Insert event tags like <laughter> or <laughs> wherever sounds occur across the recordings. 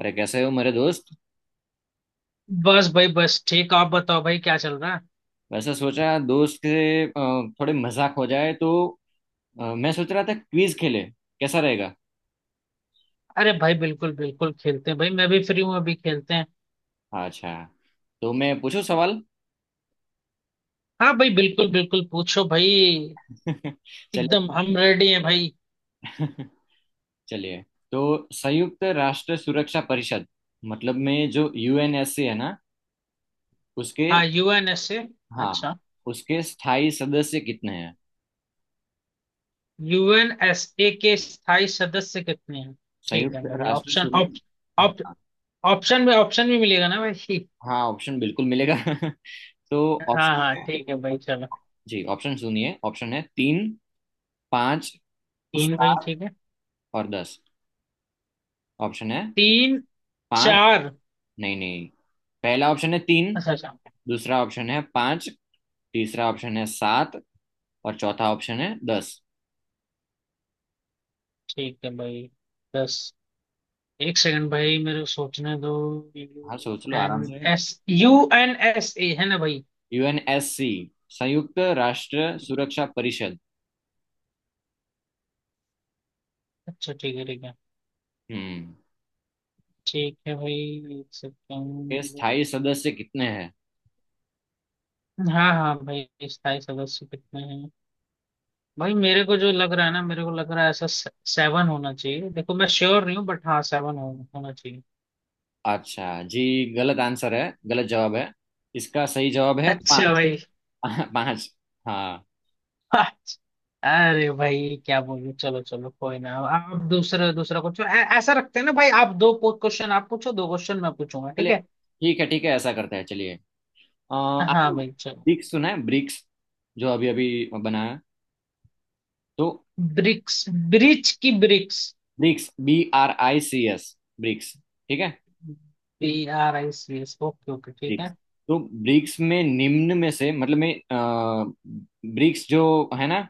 अरे कैसे हो मेरे दोस्त? बस भाई बस ठीक। आप बताओ भाई क्या चल रहा है। वैसे सोचा दोस्त के थोड़े मजाक हो जाए तो। मैं सोच रहा था क्विज खेले, कैसा रहेगा? अरे भाई बिल्कुल बिल्कुल खेलते हैं भाई। मैं भी फ्री हूँ, अभी खेलते हैं। अच्छा। तो मैं पूछूं सवाल? हाँ भाई बिल्कुल बिल्कुल पूछो भाई। <laughs> चलिए एकदम पूछते हम रेडी हैं भाई। हैं। <laughs> चलिए। तो संयुक्त राष्ट्र सुरक्षा परिषद, मतलब में जो यूएनएससी है ना, उसके, हाँ यूएनएसए। हाँ, अच्छा, उसके स्थायी सदस्य कितने हैं? यूएनएसए के स्थायी सदस्य कितने हैं? ठीक संयुक्त है भाई, राष्ट्र ऑप्शन सुरक्षा, ऑप्शन। हाँ। ऑप्शन में ऑप्शन भी मिलेगा ना भाई? हाँ, ऑप्शन बिल्कुल मिलेगा। <laughs> तो हाँ ऑप्शन। हाँ ठीक है भाई चलो। जी, ऑप्शन सुनिए। ऑप्शन है तीन, पाँच, तीन भाई सात ठीक है। और 10। ऑप्शन है तीन। पांच। चार। नहीं नहीं, पहला ऑप्शन है तीन। अच्छा अच्छा दूसरा ऑप्शन है पांच। तीसरा ऑप्शन है सात। और चौथा ऑप्शन है 10। ठीक है भाई। दस। एक सेकंड भाई, मेरे को सोचने दो। यू हाँ, सोच लो एन आराम से। S. U N S A है ना भाई? यूएनएससी, संयुक्त राष्ट्र सुरक्षा परिषद। अच्छा ठीक है ठीक है। हम्म। ठीक है भाई, एक के सेकंड। स्थायी सदस्य कितने हैं? हाँ हाँ भाई, स्थायी सदस्य कितने हैं। भाई मेरे को जो लग रहा है ना, मेरे को लग रहा है ऐसा सेवन होना चाहिए। देखो मैं श्योर नहीं हूँ बट हाँ होना चाहिए। अच्छा। जी, गलत आंसर है, गलत जवाब है। इसका सही जवाब है अच्छा पाँच। भाई। <laughs> पाँच। हाँ। अच्छा। अरे भाई क्या बोलूं। चलो चलो कोई ना, आप दूसरा दूसरा कुछ ऐसा रखते हैं ना भाई। आप दो क्वेश्चन आप पूछो, दो क्वेश्चन मैं पूछूंगा, ठीक चलिए, है। ठीक है ठीक है, ऐसा करते हैं। चलिए। हाँ आपने भाई चलो। ब्रिक्स सुना है? ब्रिक्स जो अभी अभी बनाया है? तो ब्रिक्स। ब्रिज की BRICS. BRICS, B R I C S, BRICS, ठीक है। BRICS, ओके ओके ठीक ब्रिक्स। है। तो ब्रिक्स में निम्न में से, मतलब में ब्रिक्स जो है ना,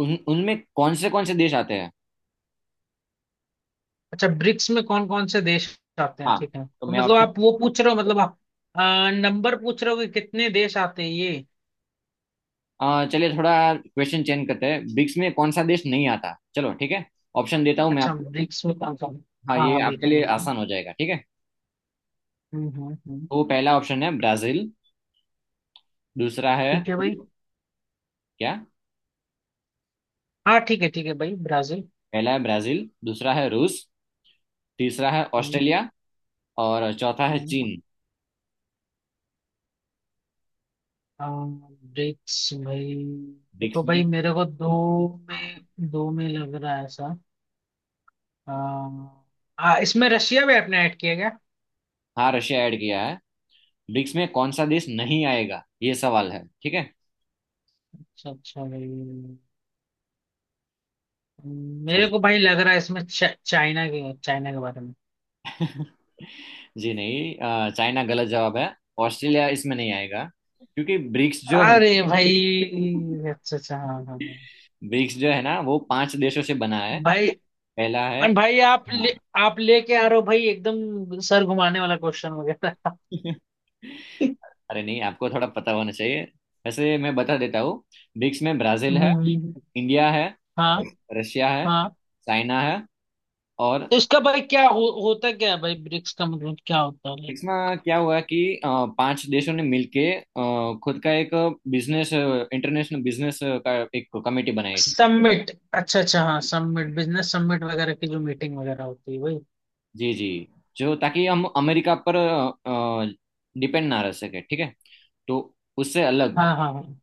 उन उनमें कौन से देश आते हैं? अच्छा ब्रिक्स में कौन कौन से देश आते हैं हाँ। ठीक है। तो तो मैं मतलब ऑप्शन। आप वो पूछ रहे हो, मतलब आप नंबर पूछ रहे हो कि कितने देश आते हैं ये। चलिए थोड़ा क्वेश्चन चेंज करते हैं। ब्रिक्स में कौन सा देश नहीं आता, चलो ठीक है। ऑप्शन देता हूँ मैं अच्छा आपको। ब्रिक्स में कौन कौन। हाँ, हाँ ये हाँ आपके बिल्कुल लिए बिल्कुल। आसान हो जाएगा, ठीक है। हम्म। तो पहला ऑप्शन है ब्राजील, दूसरा है ठीक है भाई। क्या। हाँ ठीक है भाई, ब्राजील। पहला है ब्राजील, दूसरा है रूस, तीसरा है हम्म। ऑस्ट्रेलिया, और चौथा है हम्म। चीन। अ, ब्रिक्स भाई। देखो ब्रिक्स में। भाई मेरे को दो हाँ में, दो में लग रहा है ऐसा। हाँ। हाँ, इसमें रशिया भी आपने ऐड किया क्या? हाँ, रशिया ऐड किया है। ब्रिक्स में कौन सा देश नहीं आएगा, ये सवाल है, ठीक है। अच्छा अच्छा भाई। मेरे So- को भाई लग रहा है इसमें चाइना के, चाइना के बारे में। <laughs> जी नहीं, चाइना गलत जवाब है। ऑस्ट्रेलिया इसमें नहीं आएगा, क्योंकि अरे भाई अच्छा अच्छा हाँ हाँ हाँ ब्रिक्स जो है ना, वो पांच देशों से बना है। भाई। पहला है। भाई आप ले हाँ। आप लेके आ रहे हो भाई एकदम सर घुमाने वाला क्वेश्चन वगैरह। <laughs> अरे नहीं, आपको थोड़ा पता होना चाहिए। वैसे मैं बता देता हूँ, ब्रिक्स में ब्राजील है, हम्म। इंडिया है, हाँ रशिया है, हाँ। चाइना है, और। तो इसका भाई होता क्या है भाई, ब्रिक्स का मतलब क्या होता है लाइक। इसमें क्या हुआ कि अ, पांच देशों ने मिलके खुद का एक बिजनेस, इंटरनेशनल बिजनेस का एक कमेटी बनाई थी। समिट। अच्छा अच्छा हाँ, समिट, बिजनेस समिट वगैरह की जो मीटिंग वगैरह होती है भाई। जी जी। जो, ताकि हम अमेरिका पर डिपेंड ना रह सके, ठीक है। तो उससे अलग हाँ हाँ हाँ।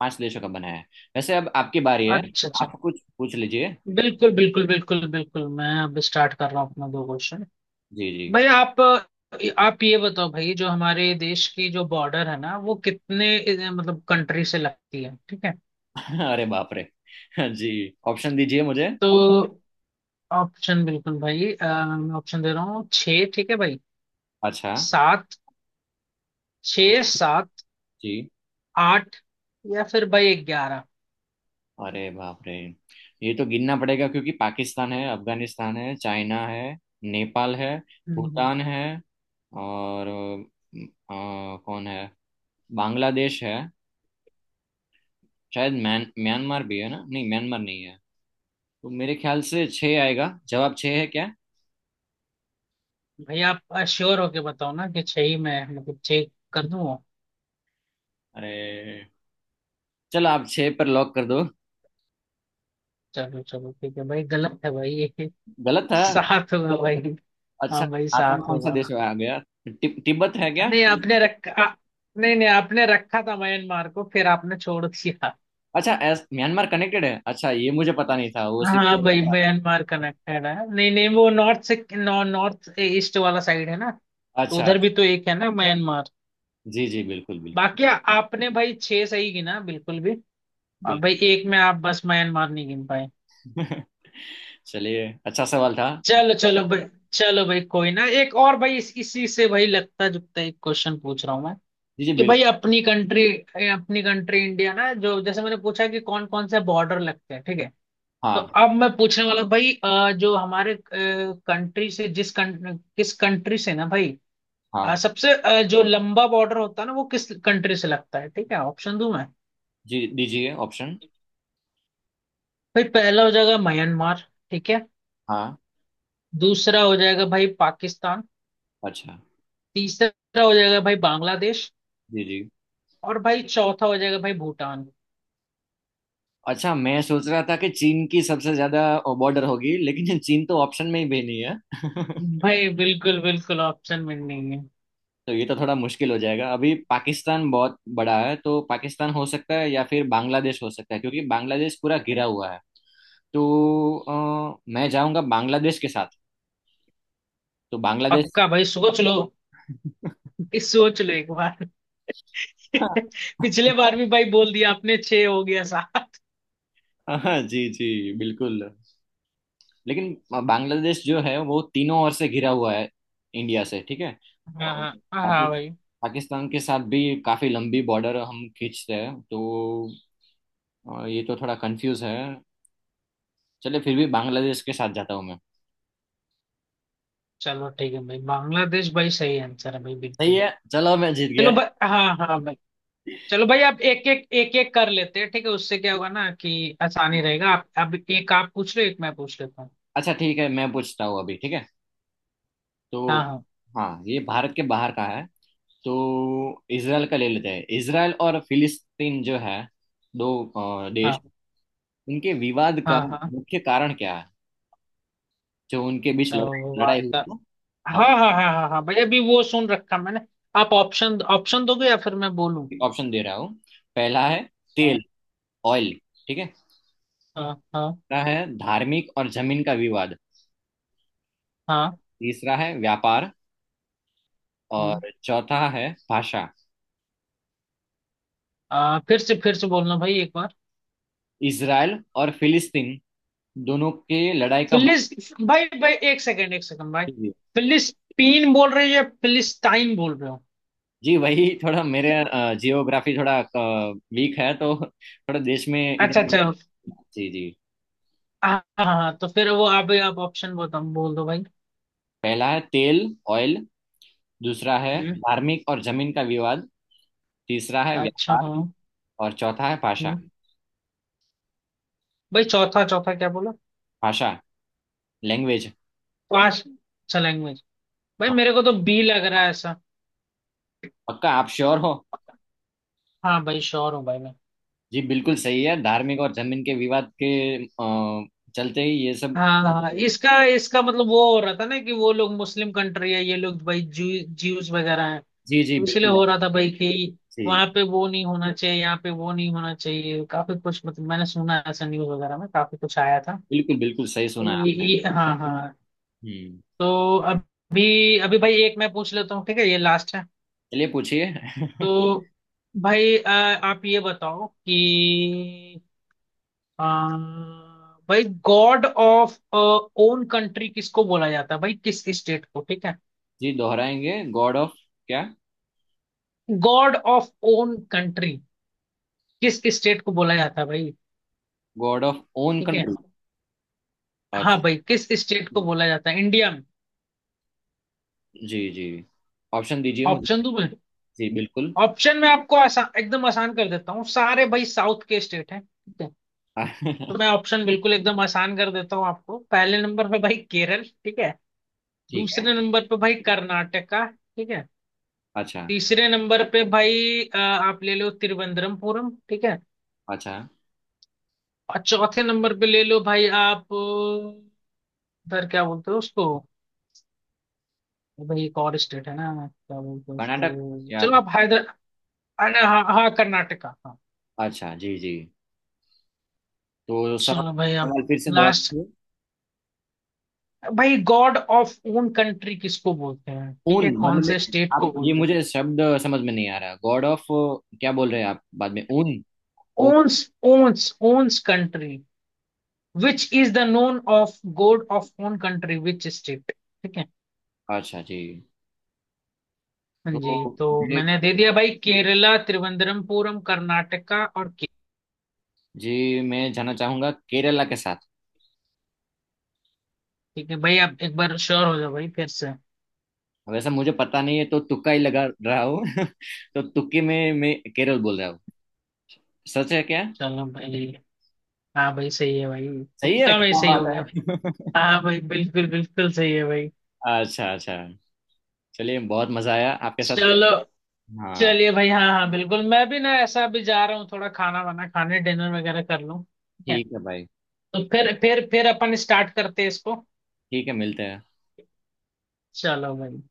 पांच देशों का बनाया है। वैसे अब आपकी बारी है, अच्छा अच्छा। आप कुछ पूछ लीजिए। बिल्कुल बिल्कुल बिल्कुल बिल्कुल, मैं अब स्टार्ट कर रहा हूँ अपना दो क्वेश्चन। जी जी। भाई आप ये बताओ भाई, जो हमारे देश की जो बॉर्डर है ना, वो कितने मतलब कंट्री से लगती है, ठीक है। <laughs> अरे बाप रे। <laughs> जी, ऑप्शन दीजिए मुझे। तो ऑप्शन बिल्कुल भाई, मैं ऑप्शन दे रहा हूँ। छः ठीक है भाई। अच्छा सात। छः, सात। जी। आठ। या फिर भाई ग्यारह। अरे बाप रे, ये तो गिनना पड़ेगा, क्योंकि पाकिस्तान है, अफगानिस्तान है, चाइना है, नेपाल है, हम्म। भूटान है, और कौन है, बांग्लादेश है। शायद म्यान म्यांमार भी है ना, नहीं म्यांमार नहीं है। तो मेरे ख्याल से छः आएगा जवाब, छः है क्या? भाई आप श्योर होके बताओ ना कि छः ही, मैं मतलब चेक कर दूँ। अरे, चलो आप छः पर लॉक कर दो। चलो चलो ठीक है भाई, गलत है भाई <laughs> ये। गलत है? सात हुआ भाई। अच्छा, हाँ भाई सातवां सात कौन सा होगा। देश आ गया? तिब्बत है क्या? नहीं आपने रखा। नहीं नहीं आपने रखा था म्यांमार को, फिर आपने छोड़ दिया। अच्छा, एस, म्यांमार कनेक्टेड है, अच्छा ये मुझे पता नहीं था, वो हाँ सिर्फ। भाई म्यांमार कनेक्टेड है। नहीं नहीं वो नॉर्थ से नॉर्थ ईस्ट वाला साइड है ना। तो अच्छा उधर भी तो एक है ना म्यांमार। जी जी, बिल्कुल बिल्कुल बाकी आपने भाई छह सही गिना बिल्कुल भी। और भाई बिल्कुल। एक में आप बस म्यांमार नहीं गिन पाए। <laughs> चलिए, अच्छा सवाल था। चलो चलो भाई। चलो भाई कोई ना, एक और भाई इसी से भाई लगता जुगता एक क्वेश्चन पूछ रहा हूँ मैं। जी जी कि भाई बिल्कुल। अपनी कंट्री, अपनी कंट्री इंडिया ना, जो जैसे मैंने पूछा कि कौन कौन से बॉर्डर लगते हैं ठीक है। तो हाँ अब मैं पूछने वाला हूं भाई, जो हमारे कंट्री से, जिस किस कंट्री से ना भाई, हाँ। सबसे जो लंबा बॉर्डर होता है ना, वो किस कंट्री से लगता है ठीक है। ऑप्शन दूं मैं? जी, दीजिए ऑप्शन। भाई पहला हो जाएगा म्यांमार, ठीक है। हाँ, दूसरा हो जाएगा भाई पाकिस्तान। अच्छा तीसरा हो जाएगा भाई बांग्लादेश। जी जी। और भाई चौथा हो जाएगा भाई भूटान। अच्छा, मैं सोच रहा था कि चीन की सबसे ज्यादा बॉर्डर होगी, लेकिन <laughs> चीन तो ऑप्शन में ही भी नहीं है। भाई बिल्कुल बिल्कुल ऑप्शन में नहीं है। <laughs> तो ये तो थोड़ा मुश्किल हो जाएगा। अभी पाकिस्तान बहुत बड़ा है, तो पाकिस्तान हो सकता है या फिर बांग्लादेश हो सकता है, क्योंकि बांग्लादेश पूरा घिरा हुआ है। तो मैं जाऊंगा बांग्लादेश के साथ। तो बांग्लादेश। पक्का भाई, सोच लो। ये सोच लो एक बार। <laughs> <laughs> पिछले बार भी भाई बोल दिया आपने छह, हो गया सात। हाँ, जी जी बिल्कुल। लेकिन बांग्लादेश जो है, वो तीनों ओर से घिरा हुआ है इंडिया से, ठीक है। हाँ और हाँ हाँ भाई। पाकिस्तान के साथ भी काफी लंबी बॉर्डर हम खींचते हैं, तो ये तो थोड़ा कंफ्यूज है। चलिए फिर भी बांग्लादेश के साथ जाता हूँ मैं। चलो ठीक है भाई, बांग्लादेश भाई सही आंसर है भाई सही बिल्कुल। है। चलो मैं जीत गया। चलो भाई हाँ हाँ भाई। चलो भाई आप एक एक, एक एक कर लेते हैं ठीक है। उससे क्या होगा ना कि आसानी रहेगा। आप अब एक आप पूछ रहे हो, एक मैं पूछ लेता हूँ। अच्छा ठीक है, मैं पूछता हूँ अभी, ठीक है। तो, हाँ हाँ। हाँ, ये भारत के बाहर का है। तो इसराइल का ले लेते हैं। इसराइल और फिलिस्तीन जो है, दो देश, हाँ उनके विवाद का हाँ हाँ। मुख्य कारण क्या है, जो उनके बीच अच्छा वो लड़ाई लड़ाई बात हुई का। थी? हाँ हाँ, हाँ हाँ हाँ हाँ भाई, अभी वो सुन रखा मैंने। आप ऑप्शन ऑप्शन दोगे या फिर मैं बोलूँ? ऑप्शन दे रहा हूँ। पहला है तेल, हाँ ऑयल, ठीक है। हाँ। हाँ दूसरा है धार्मिक और जमीन का विवाद। हाँ। तीसरा है व्यापार। हम्म। और चौथा है भाषा। फिर से बोलना भाई एक बार। इसराइल और फिलिस्तीन दोनों के लड़ाई का मुख्य फिलिस। भाई भाई एक सेकंड भाई। भी है। फिलिस्तीन बोल रहे हो या फिलिस्टाइन बोल रहे हो? जी, वही थोड़ा मेरे जियोग्राफी थोड़ा वीक है, तो थोड़ा देश में अच्छा इधर। अच्छा हाँ। जी जी। हाँ हाँ, हाँ। तो फिर वो आप ऑप्शन बता, बोल दो भाई। पहला है तेल, ऑयल। दूसरा है हम्म। धार्मिक और जमीन का विवाद। तीसरा है अच्छा व्यापार। हाँ। और चौथा है भाषा। हम्म। भाई चौथा, चौथा क्या बोला? भाषा, लैंग्वेज। पांच। अच्छा लैंग्वेज। भाई हाँ। मेरे को तो बी लग रहा है ऐसा। पक्का, आप श्योर हो? हाँ भाई श्योर हूँ भाई मैं। जी बिल्कुल सही है, धार्मिक और जमीन के विवाद के अ, चलते ही ये सब। हाँ हाँ हाँ। इसका, इसका मतलब वो हो रहा था ना कि वो लोग मुस्लिम कंट्री है, ये लोग भाई ज्यूज वगैरह। जी जी इसलिए बिल्कुल हो है। रहा था भाई कि जी वहां पे वो नहीं होना चाहिए, यहाँ पे वो नहीं होना चाहिए, काफी कुछ मतलब मैंने सुना ऐसा न्यूज वगैरह में, काफी कुछ आया था। बिल्कुल, बिल्कुल सही सुना तो है आपने। ये हाँ हाँ। हम्म तो अभी अभी भाई एक मैं पूछ लेता हूँ, ठीक है, ये लास्ट है। चलिए पूछिए। तो भाई आप ये बताओ कि अ, भाई गॉड ऑफ ओन कंट्री किसको बोला जाता है भाई, किस स्टेट को, ठीक है। जी, दोहराएंगे, गॉड ऑफ क्या? गॉड ऑफ ओन कंट्री किस स्टेट को बोला जाता है भाई, गॉड ऑफ ओन ठीक है। कंट्री, हाँ अच्छा भाई किस स्टेट को बोला जाता है इंडिया में। जी जी। ऑप्शन दीजिए मुझे। ऑप्शन दो भाई। जी बिल्कुल। ऑप्शन में आपको आसान, एकदम आसान कर देता हूँ, सारे भाई साउथ के स्टेट हैं ठीक है। तो मैं <laughs> ऑप्शन बिल्कुल एकदम आसान कर देता हूँ आपको। पहले नंबर पे भाई केरल, ठीक है। ठीक है, दूसरे नंबर पे भाई कर्नाटका, ठीक है। अच्छा तीसरे नंबर पे भाई आप ले लो तिरुवनंतपुरम, ठीक है। अच्छा। और चौथे नंबर पे ले लो भाई आप, उधर क्या बोलते हो उसको, भाई एक और स्टेट है ना क्या बोलते हैं कर्नाटक उसको, या? चलो आप हैदर। हाँ। हाँ कर्नाटका हाँ। अच्छा जी जी। तो सवाल, चलो भाई अब। सवाल फिर से लास्ट। दोहराइए। भाई गॉड ऑफ ओन कंट्री किसको बोलते हैं ठीक है, ओन कौन मतलब? मैं, से स्टेट को आप ये बोलते हैं। मुझे शब्द समझ में नहीं आ रहा, गॉड ऑफ क्या बोल रहे हैं आप, बाद में ओन, ओ owns, owns, owns country, which is the known of God of own country which state, ठीक है। अच्छा जी। हाँ जी, तो तो जी मैंने दे दिया भाई केरला, त्रिवंद्रमपुरम, कर्नाटका और के। जी, मैं जाना चाहूंगा केरला के साथ। ठीक है भाई आप एक बार श्योर हो जाओ भाई फिर से। वैसे मुझे पता नहीं है, तो तुक्का ही लगा रहा हूँ। <laughs> तो तुक्के में मैं केरल बोल रहा हूँ। सच है क्या? चलो भाई। हाँ भाई सही है भाई। सही है? तुक्का भाई क्या सही बात हो गया भाई। है। हाँ भाई बिल्कुल बिल्कुल सही है भाई। <laughs> अच्छा अच्छा। चलिए, बहुत मजा आया आपके साथ। चलो। हाँ, चलिए भाई हाँ हाँ बिल्कुल। मैं भी ना ऐसा अभी जा रहा हूँ, थोड़ा खाना वाना खाने, डिनर वगैरह कर लूँ ठीक है। ठीक है भाई। तो फिर अपन स्टार्ट करते हैं इसको। ठीक है, मिलते हैं। चलो भाई।